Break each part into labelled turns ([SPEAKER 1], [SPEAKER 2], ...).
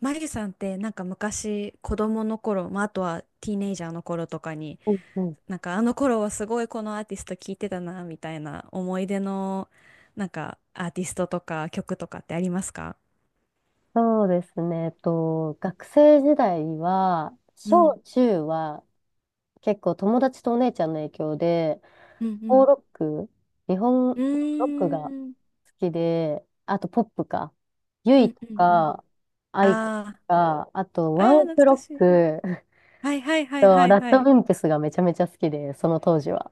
[SPEAKER 1] マギさんってなんか昔子供の頃、まあ、あとはティーネイジャーの頃とかに、
[SPEAKER 2] うんうん、
[SPEAKER 1] なんかあの頃はすごいこのアーティスト聴いてたなみたいな、思い出のなんかアーティストとか曲とかってありますか？
[SPEAKER 2] そうですね。学生時代は、
[SPEAKER 1] う
[SPEAKER 2] 小
[SPEAKER 1] ん、
[SPEAKER 2] 中は結構友達とお姉ちゃんの影響で、
[SPEAKER 1] う
[SPEAKER 2] フォー
[SPEAKER 1] ん、
[SPEAKER 2] ロック、日本の
[SPEAKER 1] う
[SPEAKER 2] ロック
[SPEAKER 1] ん。う
[SPEAKER 2] が好
[SPEAKER 1] ーん、
[SPEAKER 2] きで、あとポップか。ユ
[SPEAKER 1] う
[SPEAKER 2] イ
[SPEAKER 1] ん、
[SPEAKER 2] と
[SPEAKER 1] うん、うん。
[SPEAKER 2] か、アイコと
[SPEAKER 1] あ
[SPEAKER 2] か、あと
[SPEAKER 1] ー
[SPEAKER 2] ワン
[SPEAKER 1] ああ
[SPEAKER 2] オ
[SPEAKER 1] 懐
[SPEAKER 2] ク
[SPEAKER 1] か
[SPEAKER 2] ロ
[SPEAKER 1] し
[SPEAKER 2] ッ
[SPEAKER 1] い。
[SPEAKER 2] ク
[SPEAKER 1] はいはいはい
[SPEAKER 2] と、
[SPEAKER 1] はい
[SPEAKER 2] ラッ
[SPEAKER 1] は
[SPEAKER 2] ドウ
[SPEAKER 1] い。
[SPEAKER 2] ィンプスがめちゃめちゃ好きで、その当時は。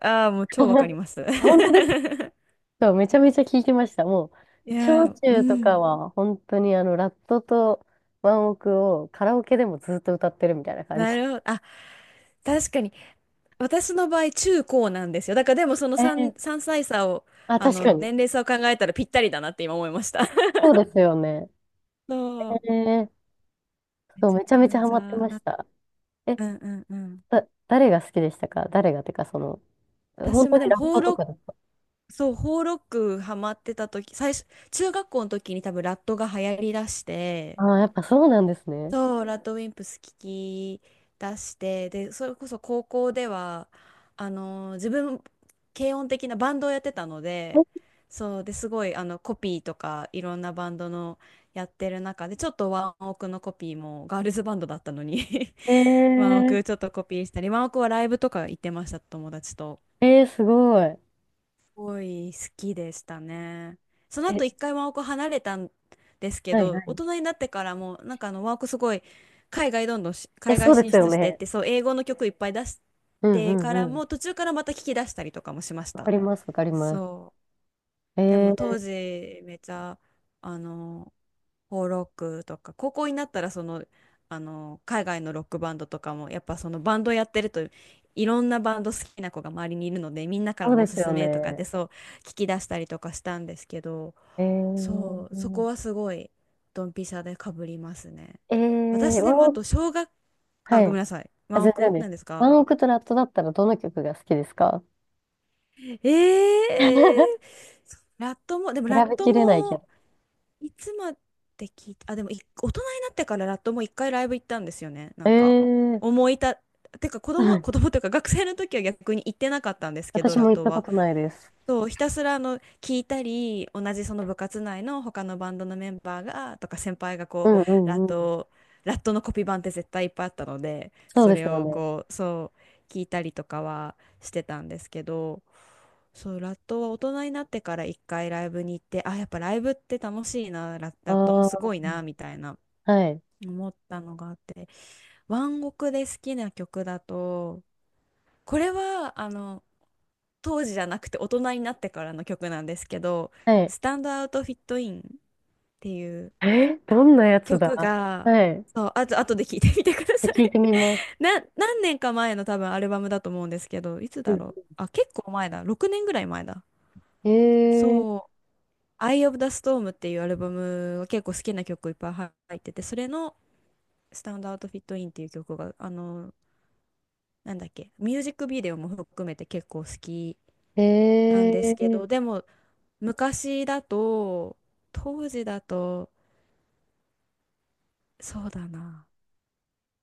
[SPEAKER 1] ああもう超わかり ます。
[SPEAKER 2] 本当です。 そう、めちゃめちゃ聞いてました。もう、
[SPEAKER 1] いや
[SPEAKER 2] 小
[SPEAKER 1] ーう
[SPEAKER 2] 中とか
[SPEAKER 1] ん。
[SPEAKER 2] は、本当にラットとワンオクをカラオケでもずっと歌ってるみたいな感じ。
[SPEAKER 1] なるほど。あ、確かに。私の場合、中高なんですよ。だからでもその
[SPEAKER 2] え
[SPEAKER 1] 3、
[SPEAKER 2] ー、
[SPEAKER 1] 3歳差を、
[SPEAKER 2] あ、確かに。
[SPEAKER 1] 年齢差を考えたらぴったりだなって今思いました。
[SPEAKER 2] そうですよね。
[SPEAKER 1] そ
[SPEAKER 2] え
[SPEAKER 1] う。
[SPEAKER 2] ー、
[SPEAKER 1] め
[SPEAKER 2] そう、
[SPEAKER 1] ち
[SPEAKER 2] めちゃ
[SPEAKER 1] ゃ
[SPEAKER 2] めちゃ
[SPEAKER 1] め
[SPEAKER 2] ハ
[SPEAKER 1] ち
[SPEAKER 2] マって
[SPEAKER 1] ゃ
[SPEAKER 2] まし
[SPEAKER 1] な、
[SPEAKER 2] た。え、
[SPEAKER 1] うんうんうん。
[SPEAKER 2] 誰が好きでしたか？誰がてか、その、本
[SPEAKER 1] 私
[SPEAKER 2] 当
[SPEAKER 1] もで
[SPEAKER 2] に
[SPEAKER 1] も、
[SPEAKER 2] ラッ
[SPEAKER 1] ホー
[SPEAKER 2] トと
[SPEAKER 1] ロッ
[SPEAKER 2] かだす
[SPEAKER 1] ク、
[SPEAKER 2] か？
[SPEAKER 1] そう、ホーロックハマってた時、最初、中学校の時に多分ラットが流行りだして、
[SPEAKER 2] ああー、やっぱそうなんですね。
[SPEAKER 1] そう、ラッドウィンプス聞き出して、で、それこそ高校では、自分、軽音的なバンドをやってたので、そう、で、すごい、コピーとか、いろんなバンドのやってる中で、ちょっとワンオクのコピーも、ガールズバンドだったのに、 ワン
[SPEAKER 2] え
[SPEAKER 1] オクちょっとコピーしたり、ワンオクはライブとか行ってました、友達と。
[SPEAKER 2] ー、えー、すごい。
[SPEAKER 1] ごい好きでしたね。その
[SPEAKER 2] え、
[SPEAKER 1] 後一回ワーク離れたんですけ
[SPEAKER 2] はいは
[SPEAKER 1] ど、大
[SPEAKER 2] い。
[SPEAKER 1] 人になってからもなんかワークすごい、海外どんどんし、
[SPEAKER 2] え、
[SPEAKER 1] 海
[SPEAKER 2] そ
[SPEAKER 1] 外
[SPEAKER 2] うで
[SPEAKER 1] 進
[SPEAKER 2] すよ
[SPEAKER 1] 出してっ
[SPEAKER 2] ね。
[SPEAKER 1] て、そう、英語の曲いっぱい出し
[SPEAKER 2] うんう
[SPEAKER 1] てから
[SPEAKER 2] んうん。
[SPEAKER 1] も、途中からまた聞き出したりとかもしまし
[SPEAKER 2] わか
[SPEAKER 1] た。
[SPEAKER 2] ります、わかります。
[SPEAKER 1] そう。
[SPEAKER 2] え
[SPEAKER 1] でも
[SPEAKER 2] ー、
[SPEAKER 1] 当時めちゃ、あのフォー・ロックとか、高校になったらその、海外のロックバンドとかも、やっぱそのバンドやってるといろんなバンド好きな子が周りにいるので、みんなか
[SPEAKER 2] そ
[SPEAKER 1] ら
[SPEAKER 2] う
[SPEAKER 1] の
[SPEAKER 2] で
[SPEAKER 1] おす
[SPEAKER 2] すよ
[SPEAKER 1] すめとかって
[SPEAKER 2] ね。
[SPEAKER 1] そう聞き出したりとかしたんですけど、
[SPEAKER 2] え
[SPEAKER 1] そう、そこ
[SPEAKER 2] ー、
[SPEAKER 1] はすごいドンピシャでかぶりますね。
[SPEAKER 2] えー、
[SPEAKER 1] 私
[SPEAKER 2] ワ
[SPEAKER 1] で
[SPEAKER 2] ン
[SPEAKER 1] もあ
[SPEAKER 2] オ
[SPEAKER 1] と
[SPEAKER 2] ク、
[SPEAKER 1] 小学、あ
[SPEAKER 2] は
[SPEAKER 1] ご
[SPEAKER 2] い。
[SPEAKER 1] めんなさい、
[SPEAKER 2] あ、
[SPEAKER 1] 真
[SPEAKER 2] 全然
[SPEAKER 1] 奥
[SPEAKER 2] で
[SPEAKER 1] な
[SPEAKER 2] す。
[SPEAKER 1] んですか？
[SPEAKER 2] ワンオクとラットだったらどの曲が好きですか？
[SPEAKER 1] えー、ラットもでもラッ
[SPEAKER 2] 選べ
[SPEAKER 1] ト
[SPEAKER 2] きれないけ
[SPEAKER 1] も、
[SPEAKER 2] ど。
[SPEAKER 1] いつまで聞いた、あ、でもい大人になってからラットも一回ライブ行ったんですよね。な
[SPEAKER 2] え
[SPEAKER 1] んか、
[SPEAKER 2] ー、
[SPEAKER 1] 思いた、てか子
[SPEAKER 2] は
[SPEAKER 1] 供、
[SPEAKER 2] い。
[SPEAKER 1] 子供というか学生の時は逆に行ってなかったんですけど、
[SPEAKER 2] 私
[SPEAKER 1] ラ
[SPEAKER 2] も
[SPEAKER 1] ッ
[SPEAKER 2] 行っ
[SPEAKER 1] ト
[SPEAKER 2] たこ
[SPEAKER 1] は。
[SPEAKER 2] とないです。
[SPEAKER 1] そう、ひたすら聞いたり、同じその部活内の他のバンドのメンバーがとか、先輩が
[SPEAKER 2] う
[SPEAKER 1] う
[SPEAKER 2] んう
[SPEAKER 1] ラ
[SPEAKER 2] ん
[SPEAKER 1] ッ
[SPEAKER 2] うん。
[SPEAKER 1] ト、ラットのコピー版って絶対いっぱいあったので、
[SPEAKER 2] そう
[SPEAKER 1] そ
[SPEAKER 2] で
[SPEAKER 1] れ
[SPEAKER 2] すよ
[SPEAKER 1] を
[SPEAKER 2] ね。
[SPEAKER 1] こう、そう聞いたりとかはしてたんですけど、そう、ラットは大人になってから一回ライブに行って、あ、やっぱライブって楽しいな、ラットも
[SPEAKER 2] あ
[SPEAKER 1] す
[SPEAKER 2] あ、
[SPEAKER 1] ごいな、みたいな
[SPEAKER 2] はい。
[SPEAKER 1] 思ったのがあって、ワンオクで好きな曲だと、これは当時じゃなくて大人になってからの曲なんですけど
[SPEAKER 2] はい。
[SPEAKER 1] 「スタンドアウトフィットイン」っていう
[SPEAKER 2] えー、どんなやつだ。
[SPEAKER 1] 曲が、
[SPEAKER 2] はい。
[SPEAKER 1] そう、あと後で聞いてみてくださ
[SPEAKER 2] 聞い
[SPEAKER 1] い。
[SPEAKER 2] てみます。
[SPEAKER 1] 何年か前の多分アルバムだと思うんですけど、いつ
[SPEAKER 2] う
[SPEAKER 1] だ
[SPEAKER 2] ん、
[SPEAKER 1] ろう、あ、結構前だ、6年ぐらい前だ。
[SPEAKER 2] え
[SPEAKER 1] そう、「Eye of the Storm」っていうアルバムが結構好きな曲いっぱい入ってて、それの「スタンドアウトフィットイン」っていう曲が、なんだっけ、ミュージックビデオも含めて結構好き
[SPEAKER 2] ー、
[SPEAKER 1] なんです
[SPEAKER 2] え
[SPEAKER 1] け
[SPEAKER 2] ー、
[SPEAKER 1] ど、でも昔だと、当時だと、そうだな。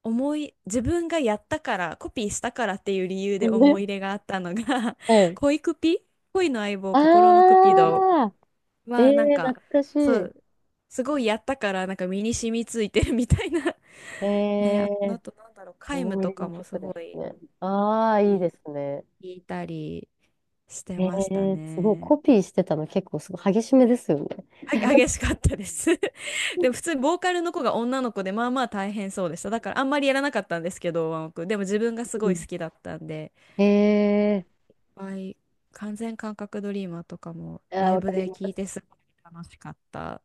[SPEAKER 1] 自分がやったから、コピーしたからっていう理由で思い入れ があったのが、
[SPEAKER 2] は い。
[SPEAKER 1] 恋クピ恋の相棒、心のクピド
[SPEAKER 2] ああ、え
[SPEAKER 1] は、なん
[SPEAKER 2] ー、
[SPEAKER 1] か、
[SPEAKER 2] 懐かし
[SPEAKER 1] そ
[SPEAKER 2] い。
[SPEAKER 1] う、すごいやったから、なんか身に染みついてるみたいな。 ね、あ、あ
[SPEAKER 2] え、
[SPEAKER 1] となんだろう、皆無
[SPEAKER 2] 思い入
[SPEAKER 1] と
[SPEAKER 2] れ
[SPEAKER 1] か
[SPEAKER 2] の
[SPEAKER 1] もす
[SPEAKER 2] 曲で
[SPEAKER 1] ご
[SPEAKER 2] す
[SPEAKER 1] い、
[SPEAKER 2] ね。ああ、いい
[SPEAKER 1] い
[SPEAKER 2] で
[SPEAKER 1] い、
[SPEAKER 2] すね。
[SPEAKER 1] 聞いたりして
[SPEAKER 2] え
[SPEAKER 1] ました
[SPEAKER 2] え、すごい。
[SPEAKER 1] ね。
[SPEAKER 2] コピーしてたの結構すごい激しめですよね。
[SPEAKER 1] は、激しかったです。 でも普通にボーカルの子が女の子で、まあまあ大変そうでした。だからあんまりやらなかったんですけど、ワンオクでも自分がす
[SPEAKER 2] う
[SPEAKER 1] ごい好
[SPEAKER 2] ん、
[SPEAKER 1] きだったんで、
[SPEAKER 2] ええ、
[SPEAKER 1] はい、完全感覚ドリーマーとかも
[SPEAKER 2] ああ、
[SPEAKER 1] ライ
[SPEAKER 2] わか
[SPEAKER 1] ブ
[SPEAKER 2] り
[SPEAKER 1] で
[SPEAKER 2] ま
[SPEAKER 1] 聴い
[SPEAKER 2] す。
[SPEAKER 1] てすごい楽しかった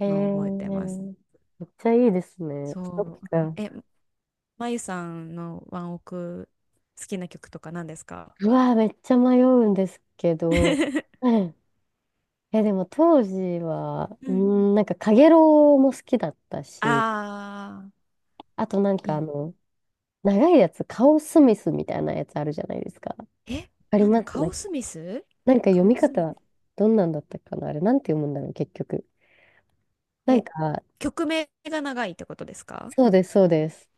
[SPEAKER 2] ええ、
[SPEAKER 1] のを覚えてます。
[SPEAKER 2] めっちゃいいですね。そ
[SPEAKER 1] そ
[SPEAKER 2] っ
[SPEAKER 1] う、
[SPEAKER 2] か。
[SPEAKER 1] え、まゆさんのワンオク好きな曲とか何ですか？
[SPEAKER 2] うわー、めっちゃ迷うんですけど。うん、え、でも当時は、
[SPEAKER 1] う
[SPEAKER 2] う
[SPEAKER 1] ん
[SPEAKER 2] ん、なんか、カゲロウも好きだったし、
[SPEAKER 1] あ、 あ
[SPEAKER 2] あと
[SPEAKER 1] ーいい
[SPEAKER 2] 長いやつ、カオスミスみたいなやつあるじゃないですか。わ
[SPEAKER 1] え、
[SPEAKER 2] かり
[SPEAKER 1] なんで
[SPEAKER 2] ます
[SPEAKER 1] カ
[SPEAKER 2] なん
[SPEAKER 1] オ
[SPEAKER 2] か、
[SPEAKER 1] スミス、
[SPEAKER 2] なんか読
[SPEAKER 1] カオ
[SPEAKER 2] み
[SPEAKER 1] スミ、
[SPEAKER 2] 方、どんなんだったかなあれ、なんて読むんだろう、結局。なん
[SPEAKER 1] え、
[SPEAKER 2] か、
[SPEAKER 1] 曲名が長いってことですか？
[SPEAKER 2] そうです、そうです。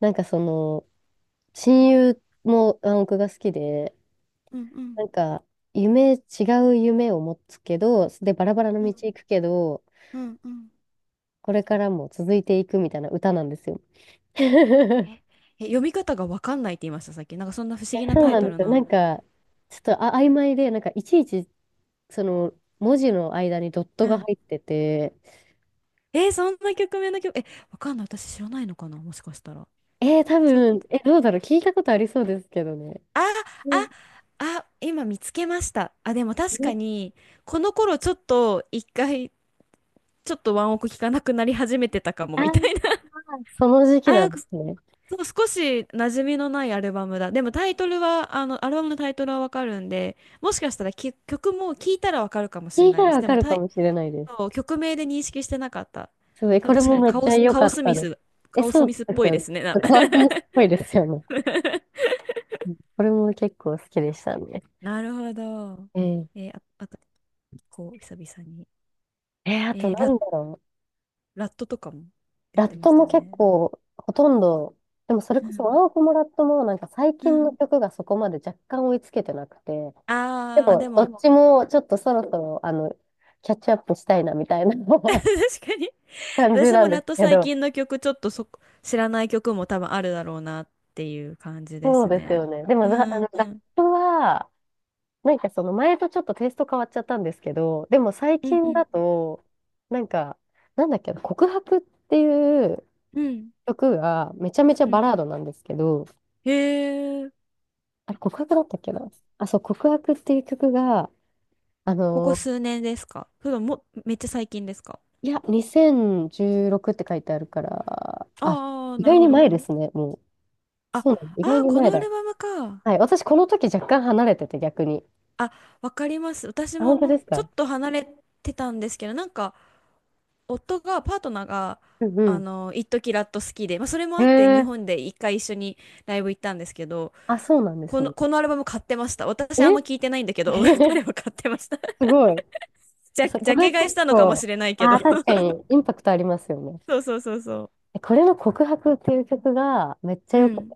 [SPEAKER 2] なんかその、親友も暗黙が好きで、
[SPEAKER 1] うんうん
[SPEAKER 2] なんか、違う夢を持つけど、で、バラバラの
[SPEAKER 1] う
[SPEAKER 2] 道
[SPEAKER 1] ん
[SPEAKER 2] 行くけど、
[SPEAKER 1] うんうん、
[SPEAKER 2] これからも続いていくみたいな歌なんですよ。
[SPEAKER 1] え、え、読み方がわかんないって言いました、さっき。なんかそんな不思議な
[SPEAKER 2] そう
[SPEAKER 1] タイ
[SPEAKER 2] なん
[SPEAKER 1] ト
[SPEAKER 2] で
[SPEAKER 1] ル
[SPEAKER 2] すよ。な
[SPEAKER 1] の。
[SPEAKER 2] んか、ちょっとあ曖昧で、なんか、いちいち、その、文字の間にドット
[SPEAKER 1] う
[SPEAKER 2] が
[SPEAKER 1] ん、
[SPEAKER 2] 入ってて、
[SPEAKER 1] え、そんな曲名の曲、わかんない。私知らないのかな、もしかしたら。
[SPEAKER 2] えー、多
[SPEAKER 1] ちょっ
[SPEAKER 2] 分、
[SPEAKER 1] と、
[SPEAKER 2] え、どうだろう、聞いたことありそうですけどね。
[SPEAKER 1] あ、あ、あ、今見つけました。あ、でも確かに、この頃ちょっと一回、ちょっとワンオク聞かなくなり始めてたかも、
[SPEAKER 2] ああ、
[SPEAKER 1] みたいな。
[SPEAKER 2] その時
[SPEAKER 1] あ
[SPEAKER 2] 期なんで
[SPEAKER 1] ー、
[SPEAKER 2] すね。
[SPEAKER 1] そう、少し馴染みのないアルバムだ。でもタイトルは、アルバムのタイトルはわかるんで、もしかしたらき曲も聞いたらわかるかもし
[SPEAKER 2] 聞
[SPEAKER 1] れ
[SPEAKER 2] い
[SPEAKER 1] な
[SPEAKER 2] た
[SPEAKER 1] いで
[SPEAKER 2] ら
[SPEAKER 1] す。
[SPEAKER 2] わ
[SPEAKER 1] で
[SPEAKER 2] か
[SPEAKER 1] も
[SPEAKER 2] る
[SPEAKER 1] タ
[SPEAKER 2] か
[SPEAKER 1] イ、
[SPEAKER 2] もしれないです。
[SPEAKER 1] そう、曲名で認識してなかった。
[SPEAKER 2] すごい、
[SPEAKER 1] でも
[SPEAKER 2] これ
[SPEAKER 1] 確か
[SPEAKER 2] も
[SPEAKER 1] に
[SPEAKER 2] めっちゃ良かったです。え、
[SPEAKER 1] カオス
[SPEAKER 2] そ
[SPEAKER 1] ミ
[SPEAKER 2] う
[SPEAKER 1] スっ
[SPEAKER 2] で
[SPEAKER 1] ぽ
[SPEAKER 2] す
[SPEAKER 1] い
[SPEAKER 2] よ
[SPEAKER 1] で
[SPEAKER 2] ね。
[SPEAKER 1] すね。
[SPEAKER 2] 川上っぽいですよね。これも結構好きでしたね。
[SPEAKER 1] なるほど。
[SPEAKER 2] ええ、
[SPEAKER 1] あ、あと、こう、久々に。
[SPEAKER 2] えー、あと
[SPEAKER 1] えー
[SPEAKER 2] な
[SPEAKER 1] ラ、
[SPEAKER 2] んだろう。
[SPEAKER 1] ラットとかも言っ
[SPEAKER 2] ラ
[SPEAKER 1] て
[SPEAKER 2] ッ
[SPEAKER 1] ま
[SPEAKER 2] ト
[SPEAKER 1] した
[SPEAKER 2] も
[SPEAKER 1] よ
[SPEAKER 2] 結
[SPEAKER 1] ね。
[SPEAKER 2] 構、ほとんど、でもそれ
[SPEAKER 1] う
[SPEAKER 2] こそワ
[SPEAKER 1] ん。
[SPEAKER 2] ンオクもラットもなんか最
[SPEAKER 1] う
[SPEAKER 2] 近の
[SPEAKER 1] ん。
[SPEAKER 2] 曲がそこまで若干追いつけてなくて、で
[SPEAKER 1] あー、で
[SPEAKER 2] もど
[SPEAKER 1] も、
[SPEAKER 2] っちもちょっとそろそろ、キャッチアップしたいなみたいな
[SPEAKER 1] 確かに、
[SPEAKER 2] 感じ
[SPEAKER 1] 私
[SPEAKER 2] な
[SPEAKER 1] も
[SPEAKER 2] ん
[SPEAKER 1] ラ
[SPEAKER 2] で
[SPEAKER 1] ッ
[SPEAKER 2] す
[SPEAKER 1] ト
[SPEAKER 2] け
[SPEAKER 1] 最
[SPEAKER 2] ど、
[SPEAKER 1] 近の曲ちょっとそこ知らない曲も多分あるだろうなっていう感じで
[SPEAKER 2] そう
[SPEAKER 1] す
[SPEAKER 2] です
[SPEAKER 1] ね。
[SPEAKER 2] よね。でも、
[SPEAKER 1] う
[SPEAKER 2] な
[SPEAKER 1] んう
[SPEAKER 2] ラッ
[SPEAKER 1] ん
[SPEAKER 2] トは、なんかその前とちょっとテイスト変わっちゃったんですけど、でも最
[SPEAKER 1] うんう
[SPEAKER 2] 近
[SPEAKER 1] ん
[SPEAKER 2] だと、なんか、なんだっけな、告白っていう
[SPEAKER 1] うん
[SPEAKER 2] 曲がめちゃめちゃ
[SPEAKER 1] うん、
[SPEAKER 2] バラードなんですけど、
[SPEAKER 1] へえ、
[SPEAKER 2] あれ告白だったっけな。あ、そう、告白っていう曲が、あ
[SPEAKER 1] ここ
[SPEAKER 2] の
[SPEAKER 1] 数年ですか、それとももめっちゃ最近ですか？
[SPEAKER 2] いや、2016って書いてあるから、あ、
[SPEAKER 1] ああー
[SPEAKER 2] 意
[SPEAKER 1] なる
[SPEAKER 2] 外
[SPEAKER 1] ほ
[SPEAKER 2] に前
[SPEAKER 1] ど、
[SPEAKER 2] ですね、もう。
[SPEAKER 1] あ
[SPEAKER 2] そうなの、意
[SPEAKER 1] あー
[SPEAKER 2] 外に
[SPEAKER 1] こ
[SPEAKER 2] 前
[SPEAKER 1] のア
[SPEAKER 2] だ。
[SPEAKER 1] ルバムか、
[SPEAKER 2] はい、私この時若干離れてて逆に。
[SPEAKER 1] あ、わかります、私
[SPEAKER 2] あ、本
[SPEAKER 1] も
[SPEAKER 2] 当です
[SPEAKER 1] ちょ
[SPEAKER 2] か？
[SPEAKER 1] っと離れてたんですけど、なんかパートナーが、
[SPEAKER 2] うん
[SPEAKER 1] 一時ラット好きで、まあ、それも
[SPEAKER 2] うん。
[SPEAKER 1] あって
[SPEAKER 2] へ
[SPEAKER 1] 日
[SPEAKER 2] え。
[SPEAKER 1] 本で一回一緒にライブ行ったんですけど、
[SPEAKER 2] あ、そうなんで
[SPEAKER 1] こ
[SPEAKER 2] す
[SPEAKER 1] の、
[SPEAKER 2] ね。
[SPEAKER 1] このアルバム買ってました。私あ
[SPEAKER 2] え、
[SPEAKER 1] んま聞いてないんだけど、彼は買ってました。
[SPEAKER 2] すごい。
[SPEAKER 1] じ
[SPEAKER 2] え
[SPEAKER 1] ゃ、
[SPEAKER 2] そう、
[SPEAKER 1] ジ
[SPEAKER 2] こ
[SPEAKER 1] ャ
[SPEAKER 2] れ
[SPEAKER 1] ケ
[SPEAKER 2] 結
[SPEAKER 1] 買いしたのかも
[SPEAKER 2] 構、
[SPEAKER 1] しれないけ
[SPEAKER 2] あ
[SPEAKER 1] ど。
[SPEAKER 2] あ、確か にインパクトありますよね。
[SPEAKER 1] そうそうそうそ
[SPEAKER 2] え、これの告白っていう曲がめっちゃ
[SPEAKER 1] う。
[SPEAKER 2] 良
[SPEAKER 1] う
[SPEAKER 2] くて、
[SPEAKER 1] ん。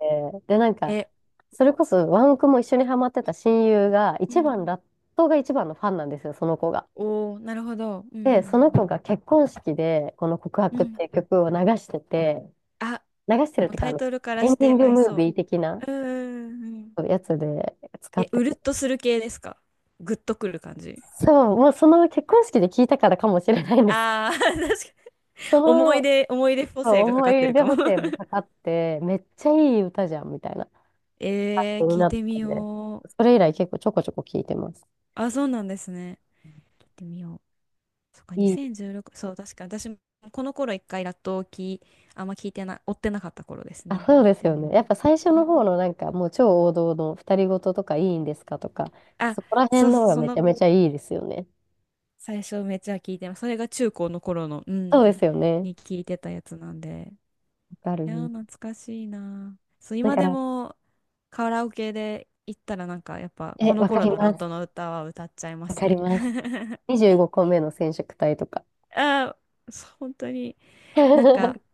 [SPEAKER 2] で、なんか、
[SPEAKER 1] え、
[SPEAKER 2] それこそワンオクも一緒にハマってた親友が、
[SPEAKER 1] う
[SPEAKER 2] 一
[SPEAKER 1] ん。
[SPEAKER 2] 番、ラットが一番のファンなんですよ、その子が。
[SPEAKER 1] おー、なるほど。う
[SPEAKER 2] で、そ
[SPEAKER 1] ん
[SPEAKER 2] の子が結婚式で、この告
[SPEAKER 1] うん。
[SPEAKER 2] 白
[SPEAKER 1] う
[SPEAKER 2] っ
[SPEAKER 1] ん。
[SPEAKER 2] ていう曲を流してて、
[SPEAKER 1] あ、
[SPEAKER 2] 流してるっ
[SPEAKER 1] もう
[SPEAKER 2] ていうか、
[SPEAKER 1] タ
[SPEAKER 2] あ
[SPEAKER 1] イ
[SPEAKER 2] の、
[SPEAKER 1] トルから
[SPEAKER 2] エン
[SPEAKER 1] し
[SPEAKER 2] ディ
[SPEAKER 1] て
[SPEAKER 2] ング
[SPEAKER 1] 合い
[SPEAKER 2] ムー
[SPEAKER 1] そ
[SPEAKER 2] ビー的な
[SPEAKER 1] う。うんうんうん。
[SPEAKER 2] やつで使っ
[SPEAKER 1] え、
[SPEAKER 2] て
[SPEAKER 1] うるっ
[SPEAKER 2] て。
[SPEAKER 1] とする系ですか？グッとくる感じ。
[SPEAKER 2] そう、もうその結婚式で聞いたからかもしれないんです。
[SPEAKER 1] ああー、確かに。
[SPEAKER 2] そ
[SPEAKER 1] 思い
[SPEAKER 2] の
[SPEAKER 1] 出、思い出補
[SPEAKER 2] そう
[SPEAKER 1] 正がか
[SPEAKER 2] 思
[SPEAKER 1] か
[SPEAKER 2] い
[SPEAKER 1] って
[SPEAKER 2] 入
[SPEAKER 1] る
[SPEAKER 2] れ
[SPEAKER 1] かも。
[SPEAKER 2] 補正もかかって、めっちゃいい歌じゃんみたいな、に
[SPEAKER 1] 聞い
[SPEAKER 2] なって、
[SPEAKER 1] てみよ
[SPEAKER 2] そ
[SPEAKER 1] う。
[SPEAKER 2] れ以来結構ちょこちょこ聞いてます。
[SPEAKER 1] あ、そうなんですね。聞いてみよう。そっか、
[SPEAKER 2] いい。
[SPEAKER 1] 2016、そう、確かに私もこの頃一回ラットをあんま聞いてな追ってなかった頃です
[SPEAKER 2] あ、
[SPEAKER 1] ね。
[SPEAKER 2] そうです
[SPEAKER 1] で
[SPEAKER 2] よね。
[SPEAKER 1] も、
[SPEAKER 2] やっぱ最初
[SPEAKER 1] う
[SPEAKER 2] の方
[SPEAKER 1] ん、
[SPEAKER 2] のなんかもう超王道の「二人ごと」とかいいんですかとか、
[SPEAKER 1] あ、
[SPEAKER 2] そこら辺
[SPEAKER 1] そう
[SPEAKER 2] の
[SPEAKER 1] そ
[SPEAKER 2] 方
[SPEAKER 1] う、
[SPEAKER 2] が
[SPEAKER 1] そ
[SPEAKER 2] めち
[SPEAKER 1] の
[SPEAKER 2] ゃめちゃいいですよね。
[SPEAKER 1] 最初めっちゃ聞いてます。それが中高の頃の、う
[SPEAKER 2] そ
[SPEAKER 1] ん、
[SPEAKER 2] うですよね。
[SPEAKER 1] に聞いてたやつなんで。
[SPEAKER 2] わか
[SPEAKER 1] いやー、
[SPEAKER 2] る。
[SPEAKER 1] 懐かしいなー。そう、
[SPEAKER 2] だ
[SPEAKER 1] 今
[SPEAKER 2] か
[SPEAKER 1] で
[SPEAKER 2] ら、
[SPEAKER 1] もカラオケで行ったらなんかやっぱ
[SPEAKER 2] え、
[SPEAKER 1] この
[SPEAKER 2] わか
[SPEAKER 1] 頃
[SPEAKER 2] り
[SPEAKER 1] のラッ
[SPEAKER 2] ます。
[SPEAKER 1] トの歌は歌っちゃいま
[SPEAKER 2] わ
[SPEAKER 1] す
[SPEAKER 2] かり
[SPEAKER 1] ね。
[SPEAKER 2] ます。25個目の染色体とか。
[SPEAKER 1] あー、そう本当に、なんか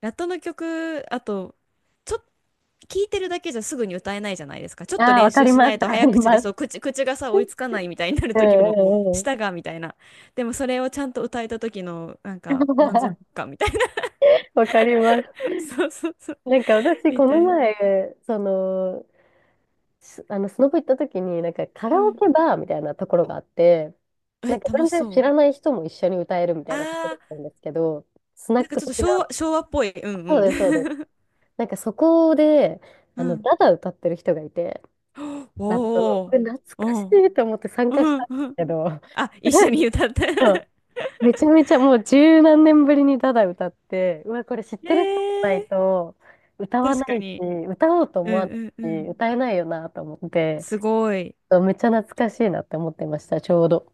[SPEAKER 1] ラットの曲、あと、ちょっ聞いてるだけじゃすぐに歌えないじゃないですか。ちょっと
[SPEAKER 2] ああ、わ
[SPEAKER 1] 練
[SPEAKER 2] か
[SPEAKER 1] 習
[SPEAKER 2] り
[SPEAKER 1] し
[SPEAKER 2] ま
[SPEAKER 1] な
[SPEAKER 2] す。
[SPEAKER 1] い
[SPEAKER 2] わ
[SPEAKER 1] と
[SPEAKER 2] か
[SPEAKER 1] 早
[SPEAKER 2] り
[SPEAKER 1] 口で、
[SPEAKER 2] ます。
[SPEAKER 1] そう、口がさ、追い つかないみたいになる
[SPEAKER 2] うんう
[SPEAKER 1] 時も、
[SPEAKER 2] んうん。
[SPEAKER 1] 舌がみたいな。でもそれをちゃんと歌えた時の、なんか、満足 感みたいな。
[SPEAKER 2] わかります。
[SPEAKER 1] そうそうそう。
[SPEAKER 2] なんか私、
[SPEAKER 1] み
[SPEAKER 2] こ
[SPEAKER 1] た
[SPEAKER 2] の
[SPEAKER 1] いな。
[SPEAKER 2] 前、その、すあの、スノボ行った時に、なんかカ
[SPEAKER 1] う
[SPEAKER 2] ラオ
[SPEAKER 1] ん。
[SPEAKER 2] ケバーみたいなところがあって、
[SPEAKER 1] え、
[SPEAKER 2] なんか
[SPEAKER 1] 楽
[SPEAKER 2] 全
[SPEAKER 1] し
[SPEAKER 2] 然
[SPEAKER 1] そ
[SPEAKER 2] 知
[SPEAKER 1] う。
[SPEAKER 2] らない人も一緒に歌えるみたいなとこ
[SPEAKER 1] あ
[SPEAKER 2] ろだった
[SPEAKER 1] ー、
[SPEAKER 2] んですけど、スナ
[SPEAKER 1] な
[SPEAKER 2] ッ
[SPEAKER 1] んか
[SPEAKER 2] ク
[SPEAKER 1] ちょっと
[SPEAKER 2] 的な、
[SPEAKER 1] 昭和っぽい。うん
[SPEAKER 2] そうです、そうです。
[SPEAKER 1] うん。
[SPEAKER 2] なんかそこで、
[SPEAKER 1] う
[SPEAKER 2] あの、
[SPEAKER 1] ん。
[SPEAKER 2] ダダ歌ってる人がいて、ラップの、こ
[SPEAKER 1] お
[SPEAKER 2] れ
[SPEAKER 1] お、
[SPEAKER 2] 懐
[SPEAKER 1] う
[SPEAKER 2] かし
[SPEAKER 1] ん、
[SPEAKER 2] いと思って参
[SPEAKER 1] う
[SPEAKER 2] 加した
[SPEAKER 1] ん、
[SPEAKER 2] んです
[SPEAKER 1] うん。
[SPEAKER 2] けど、
[SPEAKER 1] あ、一緒に 歌って。
[SPEAKER 2] めちゃめちゃもう十何年ぶりにただ歌って、うわ、これ知っ
[SPEAKER 1] え
[SPEAKER 2] て
[SPEAKER 1] ー、
[SPEAKER 2] る人じゃないと歌わ
[SPEAKER 1] 確
[SPEAKER 2] な
[SPEAKER 1] か
[SPEAKER 2] いし、
[SPEAKER 1] に。
[SPEAKER 2] 歌おうと
[SPEAKER 1] う
[SPEAKER 2] 思
[SPEAKER 1] ん
[SPEAKER 2] わない
[SPEAKER 1] うんう
[SPEAKER 2] し、
[SPEAKER 1] ん。
[SPEAKER 2] 歌えないよなと思って、
[SPEAKER 1] すごい。
[SPEAKER 2] めっちゃ懐かしいなって思ってました、ちょうど。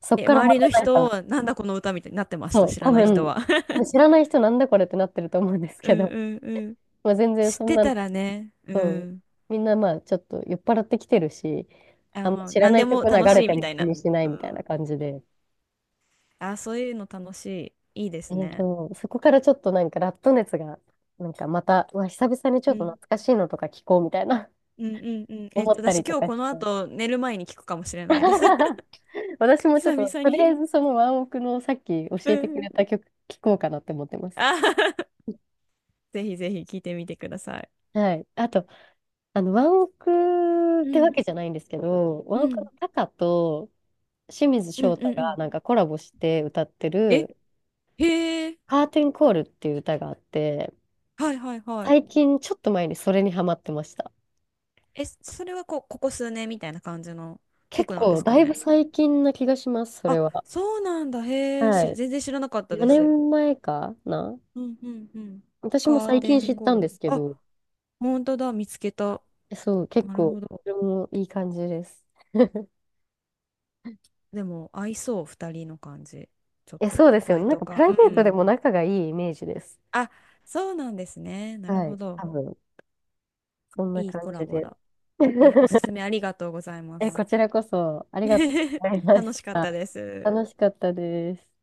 [SPEAKER 2] そっ
[SPEAKER 1] え、
[SPEAKER 2] から
[SPEAKER 1] 周
[SPEAKER 2] ま
[SPEAKER 1] り
[SPEAKER 2] た
[SPEAKER 1] の
[SPEAKER 2] なん
[SPEAKER 1] 人
[SPEAKER 2] か、
[SPEAKER 1] は、なんだこの歌みたいになってまし
[SPEAKER 2] そ
[SPEAKER 1] た、
[SPEAKER 2] う、
[SPEAKER 1] 知ら
[SPEAKER 2] 多
[SPEAKER 1] ない人
[SPEAKER 2] 分、
[SPEAKER 1] は。
[SPEAKER 2] 多分知らない人なんだこれってなってると思うんです
[SPEAKER 1] う
[SPEAKER 2] け
[SPEAKER 1] ん
[SPEAKER 2] ど、
[SPEAKER 1] うんうん。
[SPEAKER 2] まあ、全然
[SPEAKER 1] 知っ
[SPEAKER 2] そん
[SPEAKER 1] て
[SPEAKER 2] な
[SPEAKER 1] た
[SPEAKER 2] の、
[SPEAKER 1] らね、う
[SPEAKER 2] そう
[SPEAKER 1] ん。
[SPEAKER 2] みんなまあちょっと酔っ払ってきてるし、
[SPEAKER 1] あ、
[SPEAKER 2] あんま
[SPEAKER 1] まあ、
[SPEAKER 2] 知ら
[SPEAKER 1] 何
[SPEAKER 2] な
[SPEAKER 1] で
[SPEAKER 2] い
[SPEAKER 1] も
[SPEAKER 2] 曲流
[SPEAKER 1] 楽
[SPEAKER 2] れ
[SPEAKER 1] しい
[SPEAKER 2] て
[SPEAKER 1] みた
[SPEAKER 2] も
[SPEAKER 1] い
[SPEAKER 2] 気
[SPEAKER 1] な。
[SPEAKER 2] にしない
[SPEAKER 1] う
[SPEAKER 2] みたい
[SPEAKER 1] ん。
[SPEAKER 2] な感じで、
[SPEAKER 1] あ、そういうの楽しい。いいですね。
[SPEAKER 2] そこからちょっとなんかラット熱が、なんかまた、うわ、久々にち
[SPEAKER 1] う
[SPEAKER 2] ょっと
[SPEAKER 1] ん。
[SPEAKER 2] 懐かしいのとか聞こうみたいな
[SPEAKER 1] うんうんうん。
[SPEAKER 2] 思った
[SPEAKER 1] 私
[SPEAKER 2] りと
[SPEAKER 1] 今日
[SPEAKER 2] かし
[SPEAKER 1] この
[SPEAKER 2] て。
[SPEAKER 1] 後寝る前に聞くかもしれないです。
[SPEAKER 2] 私 もちょっ
[SPEAKER 1] 久
[SPEAKER 2] と、
[SPEAKER 1] 々
[SPEAKER 2] とりあ
[SPEAKER 1] に。
[SPEAKER 2] えずそのワンオクのさっき教
[SPEAKER 1] う
[SPEAKER 2] えて
[SPEAKER 1] ん
[SPEAKER 2] く
[SPEAKER 1] うん。
[SPEAKER 2] れた曲聞こうかなって思ってます。
[SPEAKER 1] あはは。 ぜひぜひ聞いてみてください。
[SPEAKER 2] はい。あと、あの、ワンオクっ
[SPEAKER 1] う
[SPEAKER 2] てわ
[SPEAKER 1] ん。
[SPEAKER 2] けじゃないんですけど、ワ
[SPEAKER 1] う
[SPEAKER 2] ンオク
[SPEAKER 1] ん。
[SPEAKER 2] のタカと清水
[SPEAKER 1] うん
[SPEAKER 2] 翔
[SPEAKER 1] う
[SPEAKER 2] 太
[SPEAKER 1] んう
[SPEAKER 2] が
[SPEAKER 1] ん。
[SPEAKER 2] なんかコラボして歌って
[SPEAKER 1] え、
[SPEAKER 2] る、
[SPEAKER 1] へえ。
[SPEAKER 2] カーテンコールっていう歌があって、
[SPEAKER 1] はいはいはい。
[SPEAKER 2] 最近ちょっと前にそれにハマってました。
[SPEAKER 1] え、それはこう、ここ数年みたいな感じの
[SPEAKER 2] 結
[SPEAKER 1] 曲なんで
[SPEAKER 2] 構、
[SPEAKER 1] す
[SPEAKER 2] だ
[SPEAKER 1] か
[SPEAKER 2] いぶ
[SPEAKER 1] ね。
[SPEAKER 2] 最近な気がします、それ
[SPEAKER 1] あ、
[SPEAKER 2] は。
[SPEAKER 1] そうなんだ。へえ、
[SPEAKER 2] はい。
[SPEAKER 1] 全然知らなかったで
[SPEAKER 2] 4
[SPEAKER 1] す。
[SPEAKER 2] 年前かな。
[SPEAKER 1] うんうんうん。
[SPEAKER 2] 私も
[SPEAKER 1] カー
[SPEAKER 2] 最
[SPEAKER 1] テ
[SPEAKER 2] 近知
[SPEAKER 1] ン
[SPEAKER 2] った
[SPEAKER 1] コー
[SPEAKER 2] んで
[SPEAKER 1] ル。
[SPEAKER 2] すけ
[SPEAKER 1] あ、
[SPEAKER 2] ど、
[SPEAKER 1] 本当だ、見つけた。
[SPEAKER 2] えそう、結
[SPEAKER 1] なるほ
[SPEAKER 2] 構、こ
[SPEAKER 1] ど。
[SPEAKER 2] れもいい感じです。
[SPEAKER 1] でも、合いそう、二人の感じ。ちょっ
[SPEAKER 2] え、
[SPEAKER 1] と、
[SPEAKER 2] そうですよね。
[SPEAKER 1] 声
[SPEAKER 2] なん
[SPEAKER 1] と
[SPEAKER 2] か、プ
[SPEAKER 1] か。
[SPEAKER 2] ラ
[SPEAKER 1] う
[SPEAKER 2] イベートで
[SPEAKER 1] ん。
[SPEAKER 2] も仲がいいイメージです。
[SPEAKER 1] あ、そうなんですね。なる
[SPEAKER 2] は
[SPEAKER 1] ほ
[SPEAKER 2] い。
[SPEAKER 1] ど。
[SPEAKER 2] 多分、そんな
[SPEAKER 1] いい
[SPEAKER 2] 感
[SPEAKER 1] コラ
[SPEAKER 2] じ
[SPEAKER 1] ボ
[SPEAKER 2] で。
[SPEAKER 1] だ。お すすめありがとうございま
[SPEAKER 2] え、
[SPEAKER 1] す。
[SPEAKER 2] こちらこそ、ありがとう ございまし
[SPEAKER 1] 楽しかっ
[SPEAKER 2] た。
[SPEAKER 1] たです。
[SPEAKER 2] 楽しかったです。